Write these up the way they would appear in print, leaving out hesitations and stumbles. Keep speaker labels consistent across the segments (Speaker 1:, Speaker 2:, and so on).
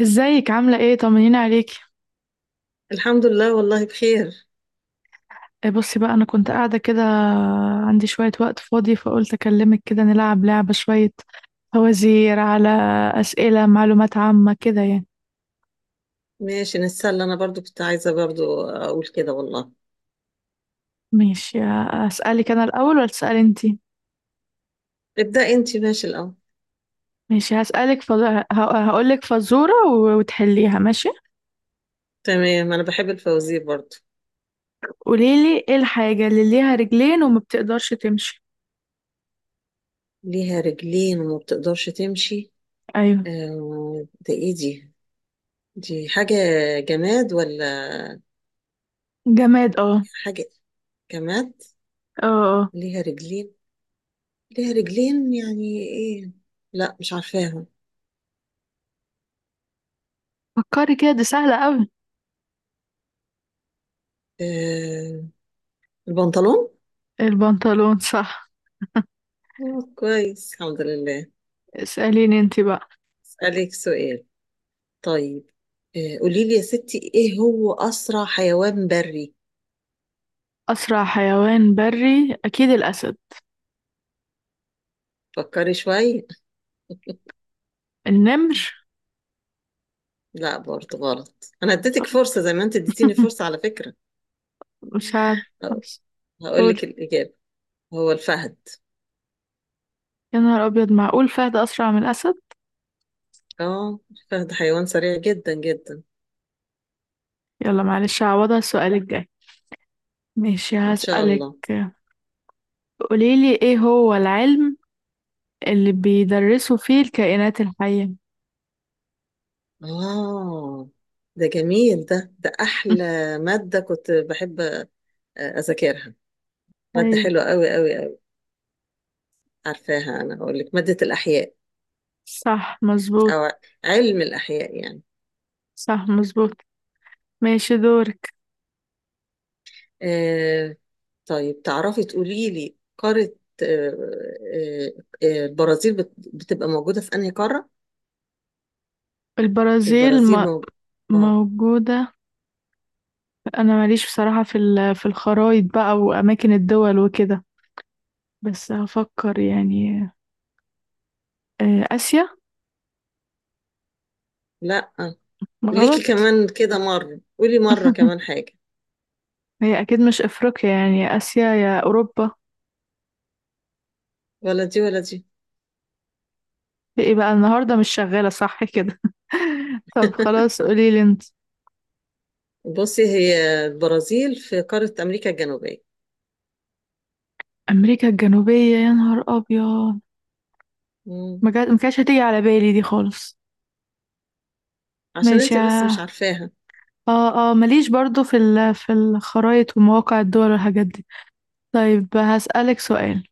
Speaker 1: ازيك؟ عاملة ايه؟ طمنيني عليكي.
Speaker 2: الحمد لله، والله بخير.
Speaker 1: إيه، بصي بقى، انا كنت قاعدة كده، عندي شوية وقت فاضي فقلت اكلمك كده نلعب لعبة شوية، فوازير على اسئلة معلومات عامة كده يعني.
Speaker 2: ماشي نتسلى، انا برضو كنت عايزة برضو اقول كده والله.
Speaker 1: ماشي. اسألك انا الاول ولا تسألي انتي؟
Speaker 2: ابدأ انتي ماشي الاول.
Speaker 1: ماشي، هسألك هقولك فزورة وتحليها، ماشي.
Speaker 2: تمام، انا بحب الفوازير برضو.
Speaker 1: قوليلي ايه الحاجة اللي ليها رجلين وما بتقدرش تمشي؟
Speaker 2: ليها رجلين وما بتقدرش تمشي؟
Speaker 1: ايوه،
Speaker 2: آه، ده ايه دي؟ دي حاجة جماد ولا
Speaker 1: جماد. اه.
Speaker 2: حاجة؟ جماد.
Speaker 1: اه. اه.
Speaker 2: ليها رجلين، ليها رجلين يعني ايه؟ لا مش عارفاها.
Speaker 1: فكري كده، دي سهلة اوي.
Speaker 2: آه، البنطلون.
Speaker 1: البنطلون، صح.
Speaker 2: آه كويس، الحمد لله.
Speaker 1: اسأليني انتي بقى.
Speaker 2: اسألك سؤال؟ طيب، قولي لي يا ستي، ايه هو اسرع حيوان بري؟
Speaker 1: أسرع حيوان بري أكيد الأسد.
Speaker 2: فكري شوية.
Speaker 1: النمر.
Speaker 2: لا برضه غلط، انا اديتك فرصة زي ما انت اديتيني فرصة على فكرة.
Speaker 1: مش عارف بس،
Speaker 2: هقول
Speaker 1: قولي.
Speaker 2: لك الاجابة، هو الفهد.
Speaker 1: يا نهار أبيض، معقول فهد أسرع من الأسد؟
Speaker 2: اه الفهد حيوان سريع جدا جدا.
Speaker 1: يلا معلش، هعوضها السؤال الجاي. ماشي
Speaker 2: ان شاء
Speaker 1: هسألك،
Speaker 2: الله.
Speaker 1: قوليلي إيه هو العلم اللي بيدرسوا فيه الكائنات الحية؟
Speaker 2: اه ده جميل، ده احلى مادة كنت بحب اذاكرها، مادة
Speaker 1: أيوه.
Speaker 2: حلوة قوي قوي قوي. عارفاها، انا هقول لك، مادة الاحياء.
Speaker 1: صح مظبوط.
Speaker 2: او علم الاحياء يعني.
Speaker 1: صح مظبوط. ماشي، دورك.
Speaker 2: آه، طيب تعرفي تقولي لي قارة، آه، آه، البرازيل بتبقى موجودة في أنهي قارة؟
Speaker 1: البرازيل
Speaker 2: البرازيل موجودة اه.
Speaker 1: موجودة. أنا ماليش بصراحة في في الخرايط بقى وأماكن الدول وكده، بس هفكر يعني. آسيا.
Speaker 2: لا ليكي
Speaker 1: غلط.
Speaker 2: كمان كده مرة، قولي مرة كمان حاجة.
Speaker 1: هي أكيد مش أفريقيا يعني، يا آسيا يا أوروبا.
Speaker 2: ولا دي ولا دي.
Speaker 1: إيه بقى، النهاردة مش شغالة صح كده. طب خلاص، قولي لي انت.
Speaker 2: بصي، هي البرازيل في قارة أمريكا الجنوبية.
Speaker 1: أمريكا الجنوبية، يا نهار أبيض.
Speaker 2: مم.
Speaker 1: ما كانتش هتيجي على بالي دي خالص.
Speaker 2: عشان
Speaker 1: ماشي.
Speaker 2: انت بس مش
Speaker 1: اه.
Speaker 2: عارفاها.
Speaker 1: اه. ماليش برضو في في الخرايط ومواقع الدول والحاجات دي. طيب، هسألك سؤال،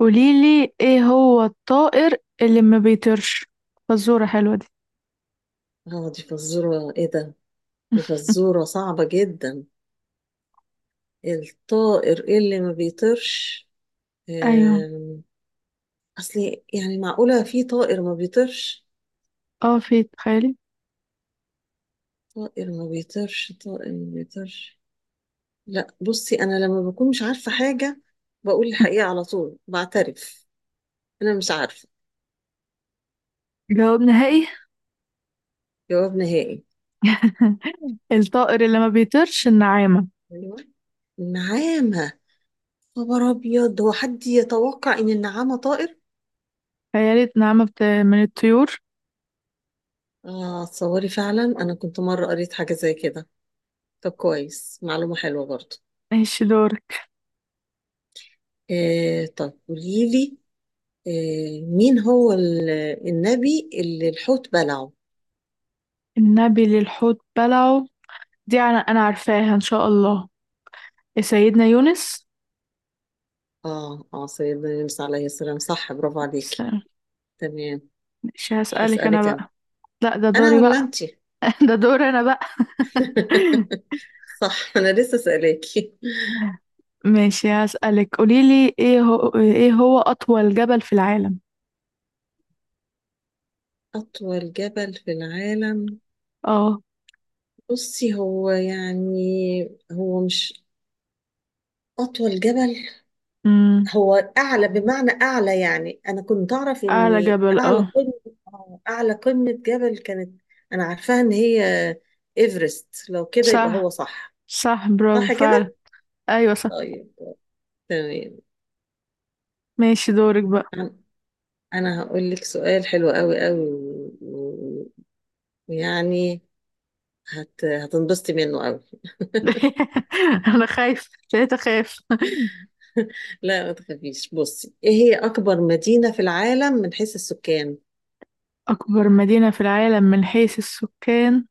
Speaker 1: قوليلي ايه هو الطائر اللي ما بيطيرش؟ فزورة حلوة دي.
Speaker 2: اه دي فزورة، ايه ده؟ دي فزورة صعبة جدا. الطائر اللي ما بيطيرش؟
Speaker 1: ايوه.
Speaker 2: آم، اصل يعني معقولة في طائر ما بيطيرش؟
Speaker 1: اه، في تخيلي.
Speaker 2: طائر ما بيطيرش، طائر ما بيطيرش. لا بصي، انا لما بكون مش عارفه حاجه بقول الحقيقه على طول بعترف. انا مش عارفه.
Speaker 1: جواب نهائي.
Speaker 2: جواب نهائي.
Speaker 1: الطائر اللي ما بيطيرش النعامة.
Speaker 2: ايوه النعامه. خبر ابيض، هو حد يتوقع ان النعامه طائر؟
Speaker 1: خيالة، نعامة من الطيور.
Speaker 2: اه تصوري، فعلا انا كنت مره قريت حاجه زي كده. طب كويس، معلومه حلوه برضه.
Speaker 1: ماشي، دورك.
Speaker 2: آه طب قولي لي، آه مين هو النبي اللي الحوت بلعه؟
Speaker 1: النبي للحوت بلعه، دي أنا عارفاها إن شاء الله، سيدنا يونس.
Speaker 2: اه اه سيدنا يونس عليه السلام، صح، برافو
Speaker 1: س-
Speaker 2: عليكي. تمام.
Speaker 1: ماشي، هسألك أنا
Speaker 2: هسألك أنا.
Speaker 1: بقى. لا، ده
Speaker 2: أنا
Speaker 1: دوري
Speaker 2: ولا
Speaker 1: بقى.
Speaker 2: أنتي؟
Speaker 1: ده دوري أنا بقى.
Speaker 2: صح، أنا لسه سألاكي.
Speaker 1: ماشي، هسألك، قوليلي إيه هو أطول جبل في العالم؟
Speaker 2: أطول جبل في العالم،
Speaker 1: اه.
Speaker 2: بصي هو يعني، هو مش أطول جبل،
Speaker 1: أمم،
Speaker 2: هو أعلى، بمعنى أعلى يعني، أنا كنت أعرف إن
Speaker 1: أعلى جبل،
Speaker 2: أعلى
Speaker 1: اه.
Speaker 2: قمة، أعلى قمة جبل كانت، أنا عارفاها إن هي إيفرست، لو كده يبقى
Speaker 1: صح.
Speaker 2: هو صح.
Speaker 1: صح برافو
Speaker 2: صح
Speaker 1: فعلا.
Speaker 2: كده؟
Speaker 1: أيوة صح.
Speaker 2: طيب، تمام.
Speaker 1: ماشي، دورك بقى.
Speaker 2: أنا، أنا هقول لك سؤال حلو قوي قوي ويعني هتنبسطي منه قوي.
Speaker 1: أنا خايفة، بقيت أخاف.
Speaker 2: لا ما تخافيش، بصي ايه هي اكبر مدينة في العالم من حيث السكان؟
Speaker 1: أكبر مدينة في العالم من حيث السكان؟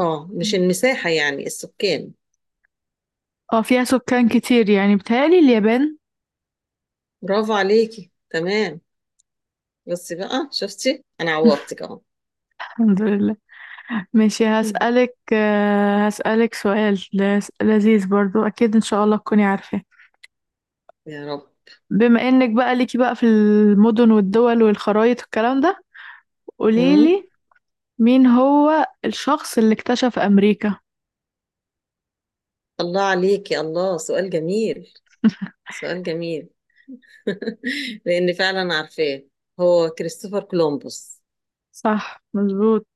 Speaker 2: اه مش المساحة، يعني السكان.
Speaker 1: اه، فيها سكان كتير يعني، بتهيألي اليابان.
Speaker 2: برافو عليكي، تمام. بصي بقى شفتي، انا عوضتك اهو.
Speaker 1: الحمد لله. ماشي
Speaker 2: مم.
Speaker 1: هسألك، هسألك سؤال لذيذ برضو، أكيد إن شاء الله تكوني عارفة.
Speaker 2: يا رب.
Speaker 1: بما إنك بقى ليكي بقى في المدن والدول والخرايط والكلام ده،
Speaker 2: مم.
Speaker 1: قوليلي مين هو الشخص اللي اكتشف أمريكا؟
Speaker 2: الله عليكي، الله سؤال جميل، سؤال جميل. لان فعلا عارفاه، هو كريستوفر كولومبوس.
Speaker 1: صح مظبوط.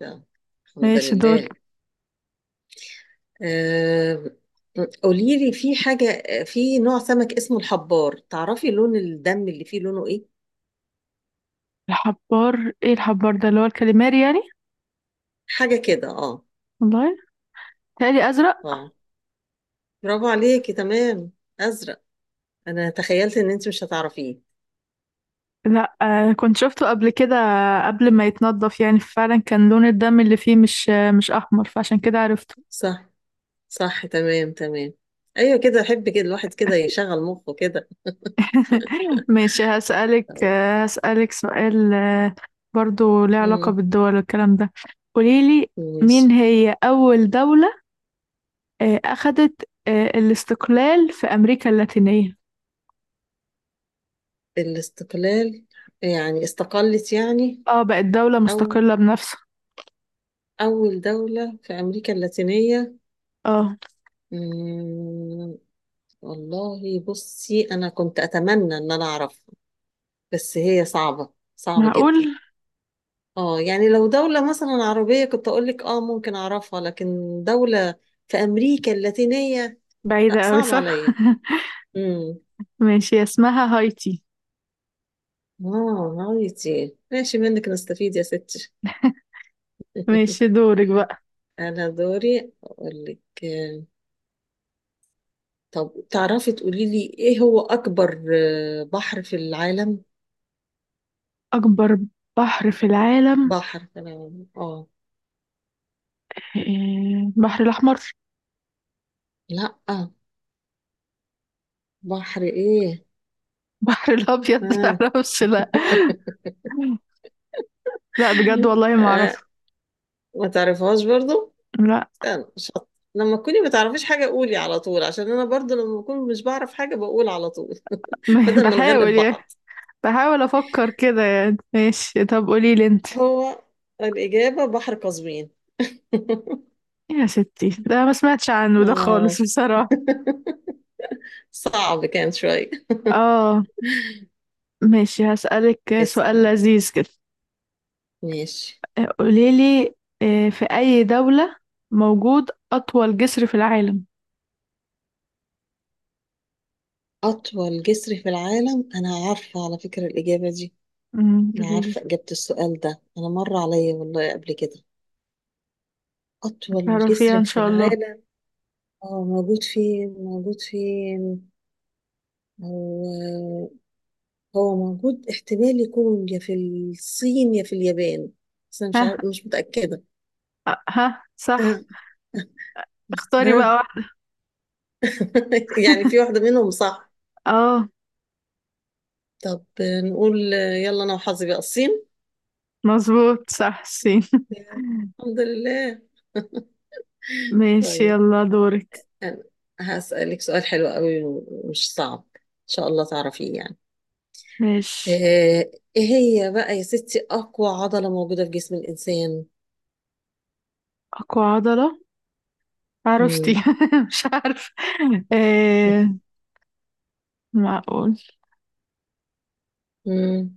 Speaker 2: ده. الحمد
Speaker 1: ماشي، دورك.
Speaker 2: لله. آه، قولي لي، في حاجة في نوع سمك اسمه الحبار، تعرفي لون الدم اللي فيه لونه ايه؟
Speaker 1: الحبار، ايه الحبار ده، اللي هو الكاليماري يعني؟
Speaker 2: حاجة كده اه.
Speaker 1: والله تهيألي أزرق.
Speaker 2: اه برافو عليكي، تمام، أزرق. أنا تخيلت إن أنت مش هتعرفيه.
Speaker 1: لا، آه كنت شفته قبل كده، قبل ما يتنضف يعني، فعلا كان لون الدم اللي فيه مش، مش أحمر، فعشان كده عرفته.
Speaker 2: صح، صح تمام تمام. أيوة كده، أحب كده الواحد كده يشغل مخه كده.
Speaker 1: ماشي هسألك،
Speaker 2: تمام.
Speaker 1: هسألك سؤال برضو ليه علاقة
Speaker 2: مم،
Speaker 1: بالدول والكلام ده. قوليلي، مين
Speaker 2: ماشي.
Speaker 1: هي أول دولة أخدت الاستقلال في أمريكا اللاتينية؟
Speaker 2: الاستقلال، يعني استقلت يعني.
Speaker 1: اه، بقت دولة
Speaker 2: أو
Speaker 1: مستقلة بنفسها.
Speaker 2: أول دولة في أمريكا اللاتينية.
Speaker 1: اه.
Speaker 2: مم، والله بصي انا كنت اتمنى ان انا اعرفها بس هي صعبة صعبة
Speaker 1: معقول.
Speaker 2: جدا. اه يعني لو دولة مثلا عربية كنت اقول لك اه ممكن اعرفها، لكن دولة في امريكا اللاتينية
Speaker 1: بعيدة
Speaker 2: لا
Speaker 1: أوي
Speaker 2: صعب
Speaker 1: صح.
Speaker 2: عليا. امم،
Speaker 1: ماشي، اسمها هايتي.
Speaker 2: اه هايتي، ماشي منك نستفيد يا ستي.
Speaker 1: ماشي، دورك بقى.
Speaker 2: انا دوري اقول لك، طب تعرفي تقولي لي، ايه هو اكبر بحر في العالم؟
Speaker 1: أكبر بحر في العالم؟
Speaker 2: بحر في العالم اه.
Speaker 1: إيه، البحر الأحمر.
Speaker 2: لا. بحر ايه؟
Speaker 1: البحر الأبيض.
Speaker 2: آه.
Speaker 1: معرفش لأ. لأ بجد، والله ما
Speaker 2: آه،
Speaker 1: أعرف.
Speaker 2: ما تعرفهاش برضو؟
Speaker 1: لأ.
Speaker 2: استنى، شط، لما تكوني ما تعرفيش حاجة قولي على طول، عشان انا برضو لما بكون مش بعرف حاجة بقول على طول. بدل ما
Speaker 1: بحاول
Speaker 2: نغلب
Speaker 1: يعني،
Speaker 2: بعض.
Speaker 1: بحاول أفكر كده يعني. ماشي طب قوليلي أنت.
Speaker 2: هو الإجابة بحر قزوين.
Speaker 1: يا ستي، ده ما سمعتش عنه ده خالص
Speaker 2: آه.
Speaker 1: بصراحة.
Speaker 2: صعب كان شوية.
Speaker 1: اه. ماشي هسألك سؤال
Speaker 2: اسأل،
Speaker 1: لذيذ كده.
Speaker 2: ماشي.
Speaker 1: قوليلي، في أي دولة موجود أطول جسر في العالم؟
Speaker 2: أطول جسر في العالم، أنا عارفة على فكرة الإجابة دي،
Speaker 1: مم،
Speaker 2: أنا
Speaker 1: قوليلي.
Speaker 2: عارفة إجابة السؤال ده، أنا مر عليا والله قبل كده. أطول
Speaker 1: تعرفيها
Speaker 2: جسر
Speaker 1: إن
Speaker 2: في
Speaker 1: شاء الله.
Speaker 2: العالم، اه موجود فين، موجود فين. هو، هو موجود، احتمال يكون يا في الصين يا في اليابان، بس انا مش
Speaker 1: ها.
Speaker 2: عارف مش متأكدة.
Speaker 1: ها، صح.
Speaker 2: آه،
Speaker 1: اختاري
Speaker 2: ها.
Speaker 1: بقى واحد.
Speaker 2: يعني في واحدة منهم صح.
Speaker 1: اه.
Speaker 2: طب نقول يلا انا وحظي بقى الصين.
Speaker 1: مظبوط صح، سين.
Speaker 2: الحمد لله.
Speaker 1: ماشي
Speaker 2: طيب،
Speaker 1: يلا، دورك.
Speaker 2: أنا هسألك سؤال حلو قوي ومش صعب إن شاء الله تعرفيه يعني.
Speaker 1: ماشي.
Speaker 2: آه، إيه هي بقى يا ستي أقوى عضلة موجودة في جسم الإنسان؟
Speaker 1: أقوى عضلة؟ عرفتي.
Speaker 2: مم.
Speaker 1: مش عارفة. آه. معقول.
Speaker 2: مم.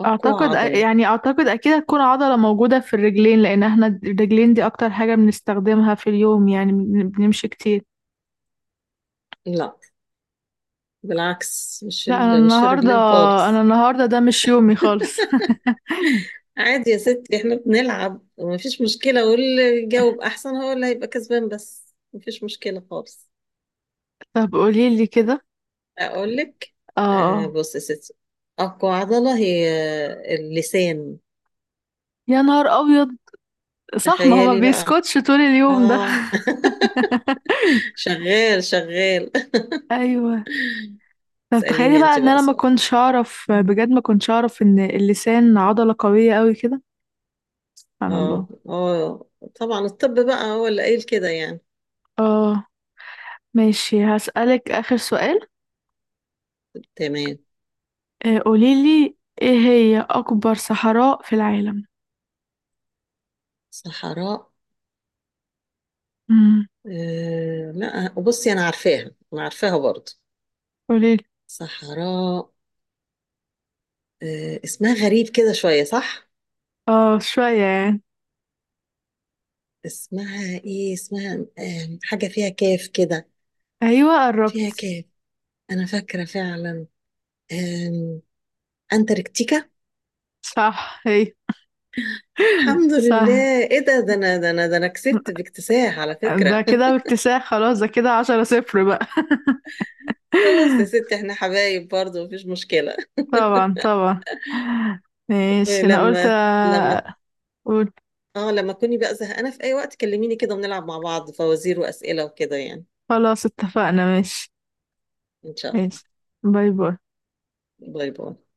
Speaker 2: أقوى
Speaker 1: أعتقد
Speaker 2: عضلة.
Speaker 1: يعني، أعتقد أكيد هتكون عضلة موجودة في الرجلين، لأن احنا الرجلين دي أكتر حاجة بنستخدمها في اليوم يعني، بنمشي كتير.
Speaker 2: لا، بالعكس،
Speaker 1: لا، أنا
Speaker 2: مش
Speaker 1: النهاردة
Speaker 2: الرجلين
Speaker 1: أنا
Speaker 2: خالص.
Speaker 1: النهاردة ده مش يومي خالص.
Speaker 2: عادي يا ستي، احنا بنلعب ومفيش مشكلة، واللي يجاوب أحسن هو اللي هيبقى كسبان، بس مفيش مشكلة خالص.
Speaker 1: طب قوليلي كده.
Speaker 2: أقول لك.
Speaker 1: اه.
Speaker 2: آه
Speaker 1: آه.
Speaker 2: بص يا ستي، أقوى عضلة هي، آه، اللسان.
Speaker 1: يا نهار أبيض، صح ما هو ما
Speaker 2: تخيلي بقى.
Speaker 1: بيسكتش طول اليوم ده.
Speaker 2: اه شغال شغال.
Speaker 1: ايوه. طب تخيلي
Speaker 2: اسأليني
Speaker 1: بقى
Speaker 2: انت
Speaker 1: ان
Speaker 2: بقى
Speaker 1: انا ما
Speaker 2: سؤال.
Speaker 1: كنتش اعرف، بجد ما كنتش اعرف ان اللسان عضلة قوية قوي كده. سبحان
Speaker 2: اه
Speaker 1: الله.
Speaker 2: اه، طبعا الطب بقى هو اللي قايل كده يعني.
Speaker 1: اه. ماشي، هسألك اخر سؤال.
Speaker 2: تمام.
Speaker 1: قوليلي ايه هي اكبر صحراء في العالم؟
Speaker 2: صحراء.
Speaker 1: امم.
Speaker 2: آه لا بصي انا عارفاها، انا عارفاها برضه.
Speaker 1: قوليلي.
Speaker 2: صحراء آه اسمها غريب كده شوية صح.
Speaker 1: اه شوية يعني.
Speaker 2: اسمها ايه، اسمها، آه حاجة فيها كاف كده.
Speaker 1: ايوه،
Speaker 2: فيها
Speaker 1: قربت.
Speaker 2: كاف، انا فاكرة فعلا. آه، انتاركتيكا.
Speaker 1: صح هي.
Speaker 2: الحمد
Speaker 1: صح.
Speaker 2: لله، ايه ده، ده انا كسبت باكتساح على
Speaker 1: ده
Speaker 2: فكرة.
Speaker 1: كده باكتساح خلاص، ده كده 10-0 بقى.
Speaker 2: خلاص يا ستي احنا حبايب برضه، مفيش مشكلة.
Speaker 1: طبعا طبعا. ماشي. انا قلت
Speaker 2: لما لما، اه لما تكوني بقى زهقانة في اي وقت كلميني كده ونلعب مع بعض فوازير واسئلة وكده يعني.
Speaker 1: خلاص اتفقنا ماشي.
Speaker 2: ان شاء الله.
Speaker 1: ماشي. باي باي.
Speaker 2: شكرا للمشاهدة.